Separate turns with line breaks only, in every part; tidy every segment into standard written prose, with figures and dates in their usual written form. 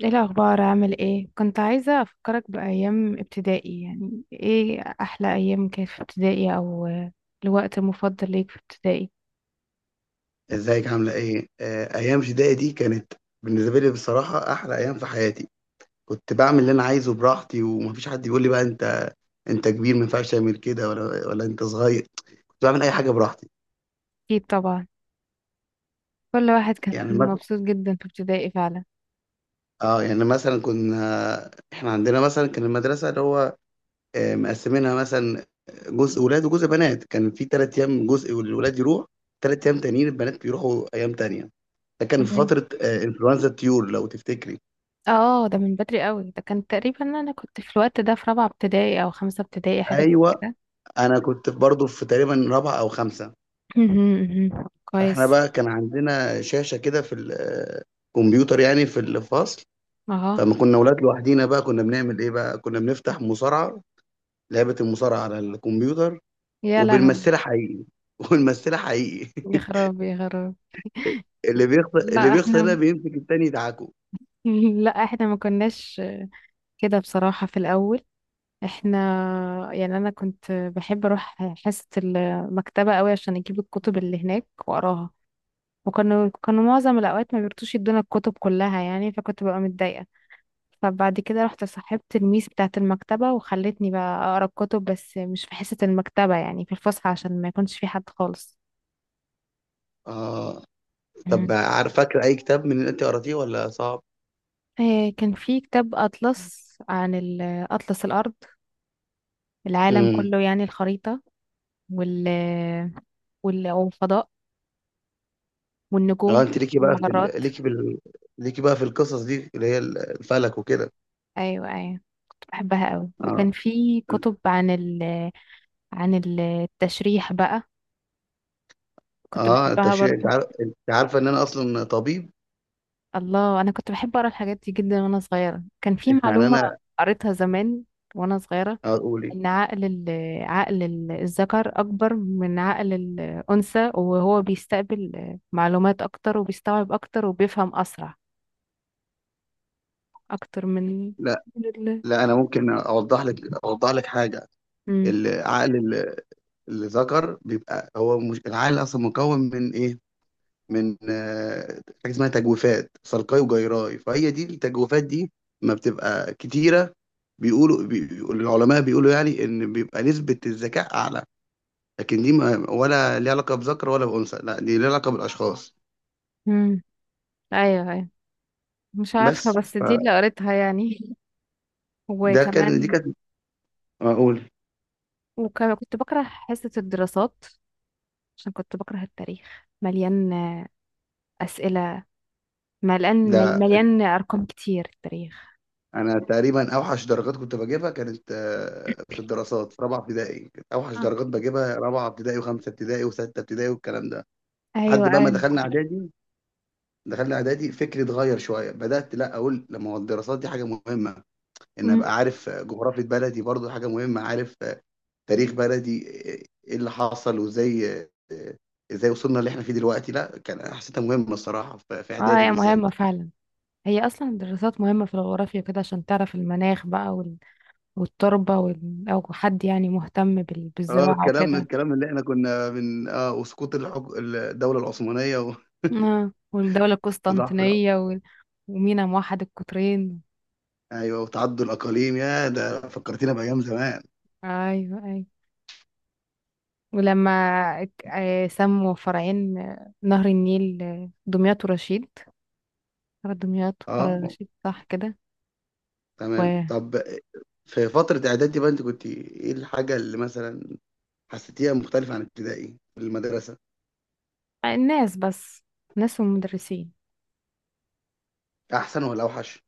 ايه الاخبار؟ عامل ايه؟ كنت عايزه افكرك بايام ابتدائي. يعني ايه احلى ايام كانت في ابتدائي او الوقت المفضل ليك في ابتدائي؟
ازيك عاملة ايه؟ ايام ابتدائي دي كانت بالنسبة لي بصراحة احلى ايام في حياتي. كنت بعمل اللي انا عايزه براحتي ومفيش حد يقول لي بقى انت كبير ما ينفعش تعمل كده ولا انت صغير. كنت بعمل اي حاجة براحتي.
اكيد طبعا. كل واحد كان
يعني مثلا،
مبسوط جدا في ابتدائي فعلا.
اه يعني مثلا كنا احنا عندنا مثلا كان المدرسة اللي هو مقسمينها مثلا جزء ولاد وجزء بنات، كان في تلات ايام جزء الولاد يروح، تلات ايام تانيين البنات بيروحوا ايام تانية. ده كان في
تمام.
فترة انفلونزا الطيور، لو تفتكري.
اه، ده من بدري قوي. ده كان تقريبا انا كنت في الوقت ده في رابعه ابتدائي او خمسه ابتدائي حاجه زي
ايوه،
كده.
انا كنت برضه في تقريبا رابعه او خمسه.
مهم، مهم.
فاحنا
كويس.
بقى كان عندنا شاشه كده في الكمبيوتر يعني في الفصل،
اه،
فما كنا اولاد لوحدينا بقى كنا بنعمل ايه؟ بقى كنا بنفتح مصارعه، لعبه المصارعه على الكمبيوتر،
يا لهوي.
وبنمثلها حقيقي. ونمثلها حقيقي.
يا خراب يا خراب.
اللي بيخسر اللي
لا
بيخسر
احنا
ده بيمسك التاني يدعكه.
لا احنا ما كناش كده بصراحه في الاول. احنا يعني انا كنت بحب اروح حصة المكتبة قوي عشان اجيب الكتب اللي هناك واقراها. وكانوا معظم الاوقات ما بيرتوش يدونا الكتب كلها يعني، فكنت ببقى متضايقة. فبعد كده رحت صاحبت الميس بتاعة المكتبة وخلتني بقى اقرا الكتب بس مش في حصة المكتبة، يعني في الفسحة عشان ما يكونش في حد خالص.
اه، طب
مم.
عارف، فاكر اي كتاب من اللي انت قراتيه ولا صعب؟
كان في كتاب أطلس عن أطلس الأرض، العالم
امم،
كله يعني الخريطة. وال والفضاء
اه
والنجوم
انت ليكي بقى في
والمجرات.
ال... ليكي بال... ليكي بقى في القصص دي اللي هي الفلك وكده.
ايوه ايوه، كنت بحبها قوي.
اه،
وكان في كتب عن عن التشريح بقى، كنت
اه
بحبها
التشريح، انت
برضو.
عارف، انت عارفه ان انا اصلا طبيب؟
الله، انا كنت بحب اقرا الحاجات دي جدا وانا صغيره. كان في
يعني
معلومه
انا
قريتها زمان وانا صغيره
اقول ايه،
ان عقل الذكر اكبر من عقل الانثى، وهو بيستقبل معلومات اكتر وبيستوعب اكتر وبيفهم اسرع اكتر من.
لا
من ال
لا، انا ممكن اوضح لك حاجه.
امم
العقل ال- الذكر بيبقى هو، مش العقل اصلا مكون من ايه؟ من حاجه اسمها تجويفات صلقاي وجيراي، فهي دي التجويفات دي ما بتبقى كتيره، بيقول العلماء، بيقولوا يعني ان بيبقى نسبه الذكاء اعلى. لكن دي ما ولا ليها علاقه بذكر ولا بانثى، لا دي ليها علاقه بالاشخاص.
امم ايوه ايوه، مش عارفه
بس
بس دي
فده
اللي قريتها يعني.
كان، دي
وكمان
كانت، اقول
كنت بكره حصة الدراسات، عشان كنت بكره التاريخ. مليان أسئلة،
ده،
مليان أرقام كتير التاريخ.
انا تقريبا اوحش درجات كنت بجيبها كانت في الدراسات في رابعه ابتدائي، كانت اوحش
آه.
درجات بجيبها رابعه ابتدائي وخمسه ابتدائي وسته ابتدائي والكلام ده،
أيوة
لحد بقى ما
أيوة.
دخلنا اعدادي. دخلنا اعدادي فكري اتغير شويه، بدات لا اقول لما هو الدراسات دي حاجه مهمه، ان
أمم.
ابقى عارف جغرافيه بلدي برضو حاجه مهمه، عارف تاريخ بلدي، ايه اللي حصل وازاي، ازاي وصلنا اللي احنا فيه دلوقتي، لا كان حسيتها مهمه الصراحه في
اه،
اعدادي
هي
بالذات.
مهمة فعلا. هي أصلا الدراسات مهمة في الجغرافيا كده عشان تعرف المناخ بقى والتربة، أو حد يعني مهتم
اه
بالزراعة
الكلام
وكده.
الكلام اللي احنا كنا من اه وسقوط الدولة العثمانية
آه. والدولة
وضعف الع-
القسطنطينية ومينا موحد القطرين.
ايوه، وتعدد الاقاليم، يا ده فكرتينا بايام زمان.
أيوة أيوة. ولما سموا فرعين، نهر النيل، دمياط ورشيد. فرع دمياط وفرع
اه
رشيد، صح كده؟
تمام، طب في فترة اعدادي بقى انت كنت ايه الحاجة اللي مثلا حسيتيها مختلفة عن ابتدائي في المدرسة؟
والناس بس. ناس والمدرسين.
احسن ولا اوحش؟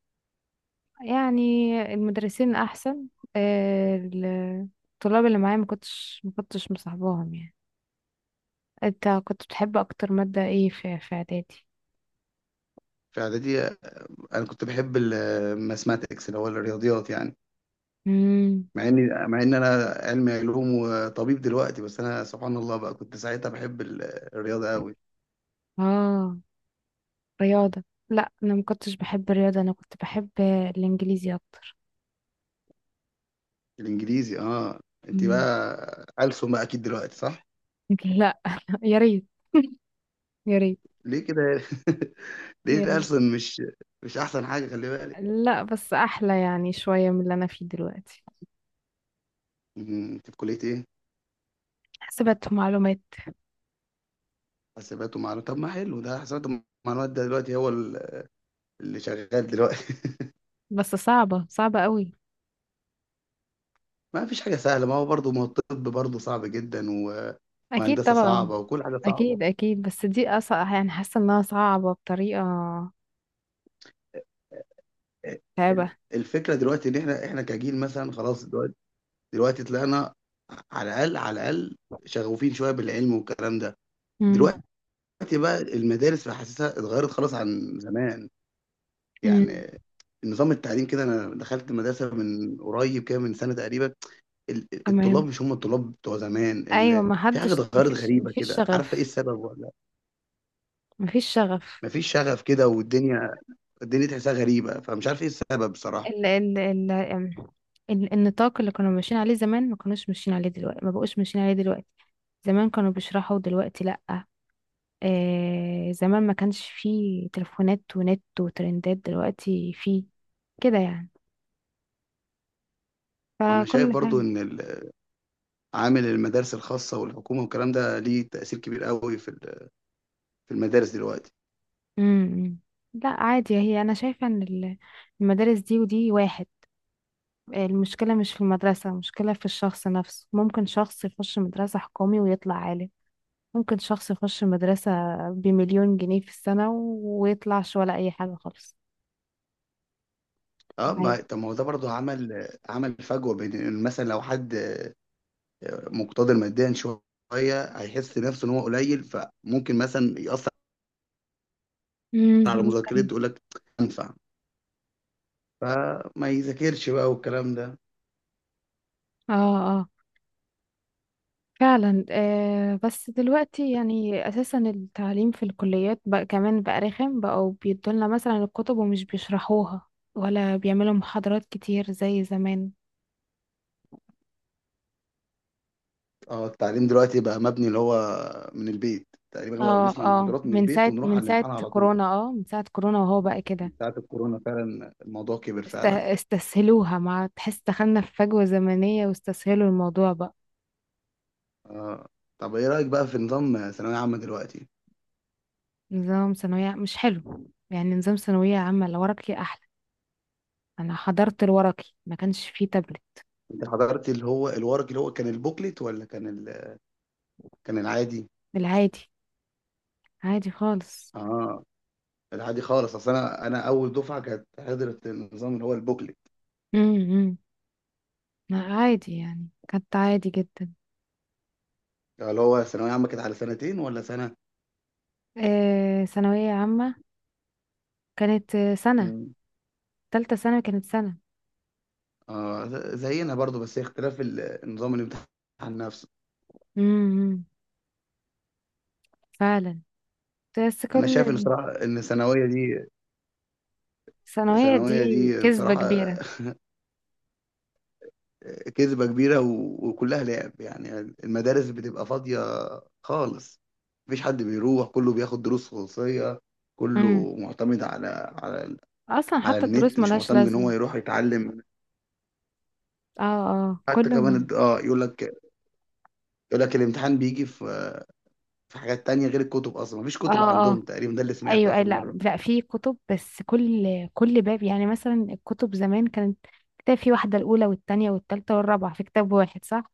يعني، المدرسين أحسن. آه، الطلاب اللي معايا ما كنتش مصاحباهم يعني. انت كنت بتحب أكتر مادة ايه في إعدادي؟
في اعدادي انا كنت بحب الماثماتكس اللي هو الرياضيات يعني،
امم.
مع ان انا علمي علوم وطبيب دلوقتي، بس انا سبحان الله بقى كنت ساعتها بحب الرياضة قوي.
اه، رياضة؟ لا، أنا ما كنتش بحب الرياضة، أنا كنت بحب الإنجليزي أكتر.
الانجليزي، اه انت
مم.
بقى ألسن بقى اكيد دلوقتي، صح؟
لا، يا ريت يا ريت.
ليه كده؟ ليه
ميري.
ألسن مش مش احسن حاجه، خلي بالك.
لا بس احلى يعني شوية من اللي انا فيه دلوقتي.
مم، انت في كليه ايه؟
حسبت معلومات.
حسابات ومعلومات؟ طب ما حلو، ده حسابات ومعلومات ده دلوقتي هو اللي شغال دلوقتي.
بس صعبة، صعبة قوي.
ما فيش حاجه سهله، ما هو برضه ما هو الطب برضه صعب جدا و...
اكيد
وهندسه
طبعا.
صعبه وكل حاجه صعبه.
اكيد اكيد، بس دي اصعب يعني، حاسة انها صعبة بطريقة
آه، ال-
تعبة.
الفكره دلوقتي ان احنا كجيل مثلا، خلاص دلوقتي دلوقتي طلعنا، على الاقل على الاقل شغوفين شويه بالعلم والكلام ده. دلوقتي
امم.
دلوقتي بقى المدارس بحسسها اتغيرت خلاص عن زمان،
امم.
يعني النظام التعليم كده. انا دخلت مدرسه من قريب كده من سنه تقريبا، الطلاب
تمام.
مش هم الطلاب بتوع زمان،
ايوه، ما
في حاجه
حدش
اتغيرت
مفيش
غريبه
مفيش
كده، عارفه ايه
شغف.
السبب ولا؟
مفيش شغف.
مفيش شغف كده، والدنيا الدنيا تحسها غريبه، فمش عارف ايه السبب بصراحه.
ال ال ال النطاق اللي كانوا ماشيين عليه زمان ما كانوش ماشيين عليه دلوقتي، ما بقوش ماشيين عليه دلوقتي. زمان كانوا بيشرحوا، دلوقتي لا. آه، زمان ما كانش فيه تليفونات ونت وترندات، دلوقتي فيه كده يعني.
وانا شايف
فكل
برضو
حاجة.
ان عامل المدارس الخاصه والحكومه والكلام ده ليه تاثير كبير قوي في في المدارس دلوقتي.
امم. لا عادي، هي انا شايفة ان المدارس دي ودي واحد. المشكلة مش في المدرسة، المشكلة في الشخص نفسه. ممكن شخص يخش مدرسة حكومي ويطلع عالم. ممكن شخص يخش مدرسة بمليون جنيه في السنة ويطلعش ولا أي حاجة خالص.
اه ما
عادي.
طب ما هو ده برضو عمل فجوه، بين مثلا لو حد مقتدر ماديا شويه، هيحس نفسه ان هو قليل، فممكن مثلا ياثر
امم،
على مذاكرته،
ممكن.
يقول لك انفع، فما يذاكرش بقى والكلام ده.
اه، فعلا. بس دلوقتي يعني اساسا التعليم في الكليات بقى كمان بقى رخم. بقوا بيدولنا مثلا الكتب ومش بيشرحوها، ولا بيعملوا محاضرات كتير زي زمان.
اه التعليم دلوقتي بقى مبني اللي هو من البيت تقريبا، هو
اه،
بنسمع
اه،
المحاضرات من البيت ونروح على الامتحان على طول.
من ساعة كورونا وهو بقى
من
كده.
ساعة الكورونا فعلا الموضوع كبر فعلا.
استسهلوها. مع تحس دخلنا في فجوة زمنية، واستسهلوا الموضوع بقى.
آه. طب ايه رأيك بقى في نظام ثانوية عامة دلوقتي؟
نظام ثانوية مش حلو يعني. نظام ثانوية عامة الورقي أحلى. أنا حضرت الورقي، ما كانش فيه تابلت.
انت حضرت اللي هو الورق، اللي هو كان البوكلت ولا كان ال... كان العادي؟
العادي، عادي خالص.
اه، العادي خالص. اصل انا اول دفعه كانت حضرت النظام اللي هو البوكلت.
مم، مم. لا عادي، يعني كانت عادي جدا.
اللي هو ثانويه عامه كانت على سنتين ولا سنه؟
آه، ثانوية عامة كانت سنة.
مم.
تالتة سنة، كانت سنة.
آه زينا برضو، بس هي اختلاف النظام الامتحان نفسه.
امم، فعلا. بس
انا
كل
شايف ان صراحه ان الثانويه دي،
ثانوية دي
الثانويه دي
كذبة
بصراحه
كبيرة.
كذبه كبيره وكلها لعب، يعني المدارس بتبقى فاضيه خالص، مفيش حد بيروح، كله بياخد دروس خصوصيه،
امم.
كله معتمد على، على،
أصلا
على
حتى الدروس
النت، مش
ملهاش
معتمد ان هو
لازمة.
يروح يتعلم.
اه، اه،
حتى كمان اه يقول لك الامتحان بيجي في في حاجات تانية غير الكتب، اصلا مفيش
اه،
كتب
اه،
عندهم تقريبا، ده اللي سمعته
ايوه، اي،
اخر
لا،
مرة.
لا، في كتب بس كل باب، يعني مثلا الكتب زمان كانت كتاب. في واحدة الأولى والتانية والتالتة والرابعة في كتاب واحد، صح؟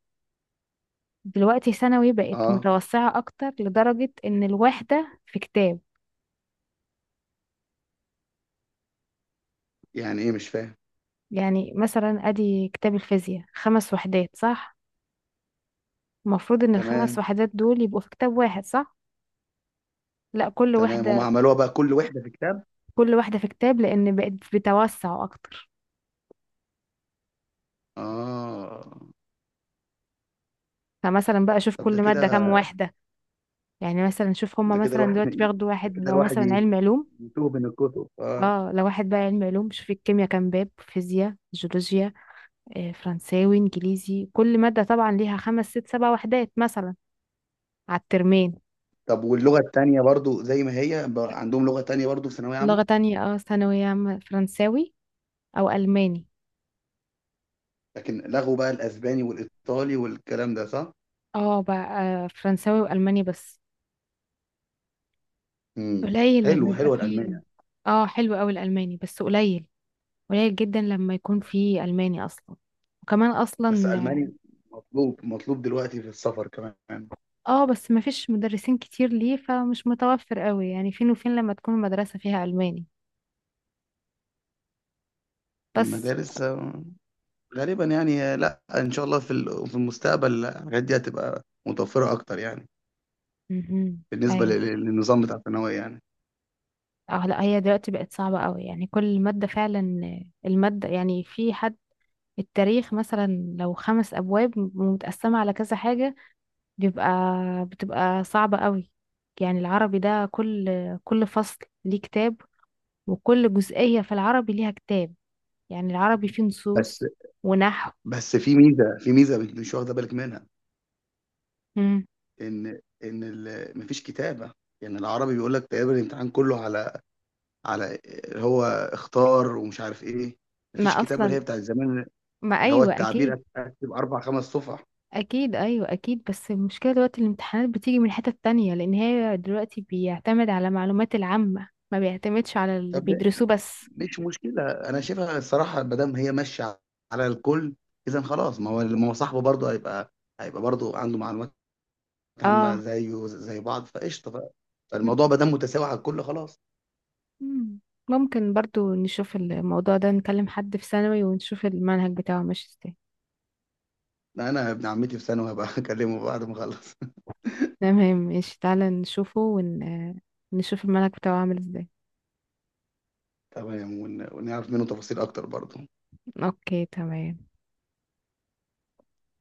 دلوقتي ثانوي بقت
اه
متوسعة أكتر لدرجة إن الواحدة في كتاب.
يعني ايه؟ مش فاهم.
يعني مثلا، ادي كتاب الفيزياء خمس وحدات، صح؟ المفروض ان الخمس
تمام،
وحدات دول يبقوا في كتاب واحد، صح؟ لا، كل
تمام هم
وحدة،
عملوها بقى كل وحدة في كتاب.
كل واحدة في كتاب لان بقت بتوسع اكتر.
اه،
فمثلا بقى شوف
طب ده
كل
كده،
مادة كام واحدة. يعني مثلا شوف هما
ده كده
مثلا
الواحد
دلوقتي بياخدوا
ده
واحد،
كده
لو
الواحد
مثلا
ي-
علم علوم.
يتوه من الكتب، اه.
اه، لو واحد بقى علم علوم شوف الكيمياء كام باب، فيزياء، جيولوجيا، فرنساوي، انجليزي. كل مادة طبعا ليها خمس ست سبع وحدات مثلا، على الترمين.
طب واللغة التانية برضو زي ما هي عندهم لغة تانية برضو في ثانوية
لغة
عامة؟
تانية، اه، ثانوية عامة فرنساوي او الماني.
لكن لغوا بقى الاسباني والايطالي والكلام ده، صح؟
اه بقى، فرنساوي والماني بس.
امم،
قليل لما
حلو،
يبقى
حلوة
فيه.
الالمانية.
اه، حلو قوي الالماني بس قليل. قليل جدا لما يكون في الماني اصلا. وكمان
بس
اصلا.
الماني مطلوب دلوقتي في السفر كمان.
اه، بس ما فيش مدرسين كتير ليه، فمش متوفر قوي، يعني فين وفين لما تكون المدرسة فيها الماني بس.
المدارس غالبا يعني، لا ان شاء الله في في المستقبل الحاجات دي هتبقى متوفره اكتر يعني،
امم.
بالنسبه
ايوه.
للنظام بتاع الثانويه يعني.
اه، لا هي دلوقتي بقت صعبة قوي يعني. كل مادة فعلا. المادة يعني في حد. التاريخ مثلا لو خمس ابواب ومتقسمة على كذا حاجة، بيبقى بتبقى صعبة قوي. يعني العربي ده كل فصل ليه كتاب، وكل جزئية في العربي ليها كتاب. يعني العربي فيه
بس
نصوص ونحو.
بس في ميزه مش واخده بالك منها،
مم.
ان ان مفيش كتابه، يعني العربي بيقول لك تقريبا الامتحان كله على، على اللي هو اختار ومش عارف ايه،
ما
مفيش كتابه اللي
أصلا.
هي بتاعت زمان،
ما
اللي هو
أيوة
التعبير
أكيد.
هتبقى اربع خمس صفح.
أكيد أيوة أكيد، بس المشكلة دلوقتي الامتحانات بتيجي من حتة تانية، لأن هي دلوقتي بيعتمد على معلومات العامة، ما بيعتمدش على اللي بيدرسوه بس.
مش مشكلة، أنا شايفها الصراحة ما دام هي ماشية على الكل، إذا خلاص ما هو صاحبه برضه هيبقى هيبقى برضه عنده معلومات عامة،
اه.
زيه زي بعض فقشطة، فالموضوع ما دام متساوي على الكل خلاص.
مم. ممكن برضو نشوف الموضوع ده، نكلم حد في ثانوي ونشوف المنهج بتاعه ماشي ازاي.
لا، أنا ابن عمتي في ثانوي، هبقى أكلمه بعد ما أخلص
تمام ماشي، تعالى نشوفه نشوف الملك بتاعه عامل ازاي.
تمام. ونعرف منه تفاصيل أكتر برضه.
اوكي تمام.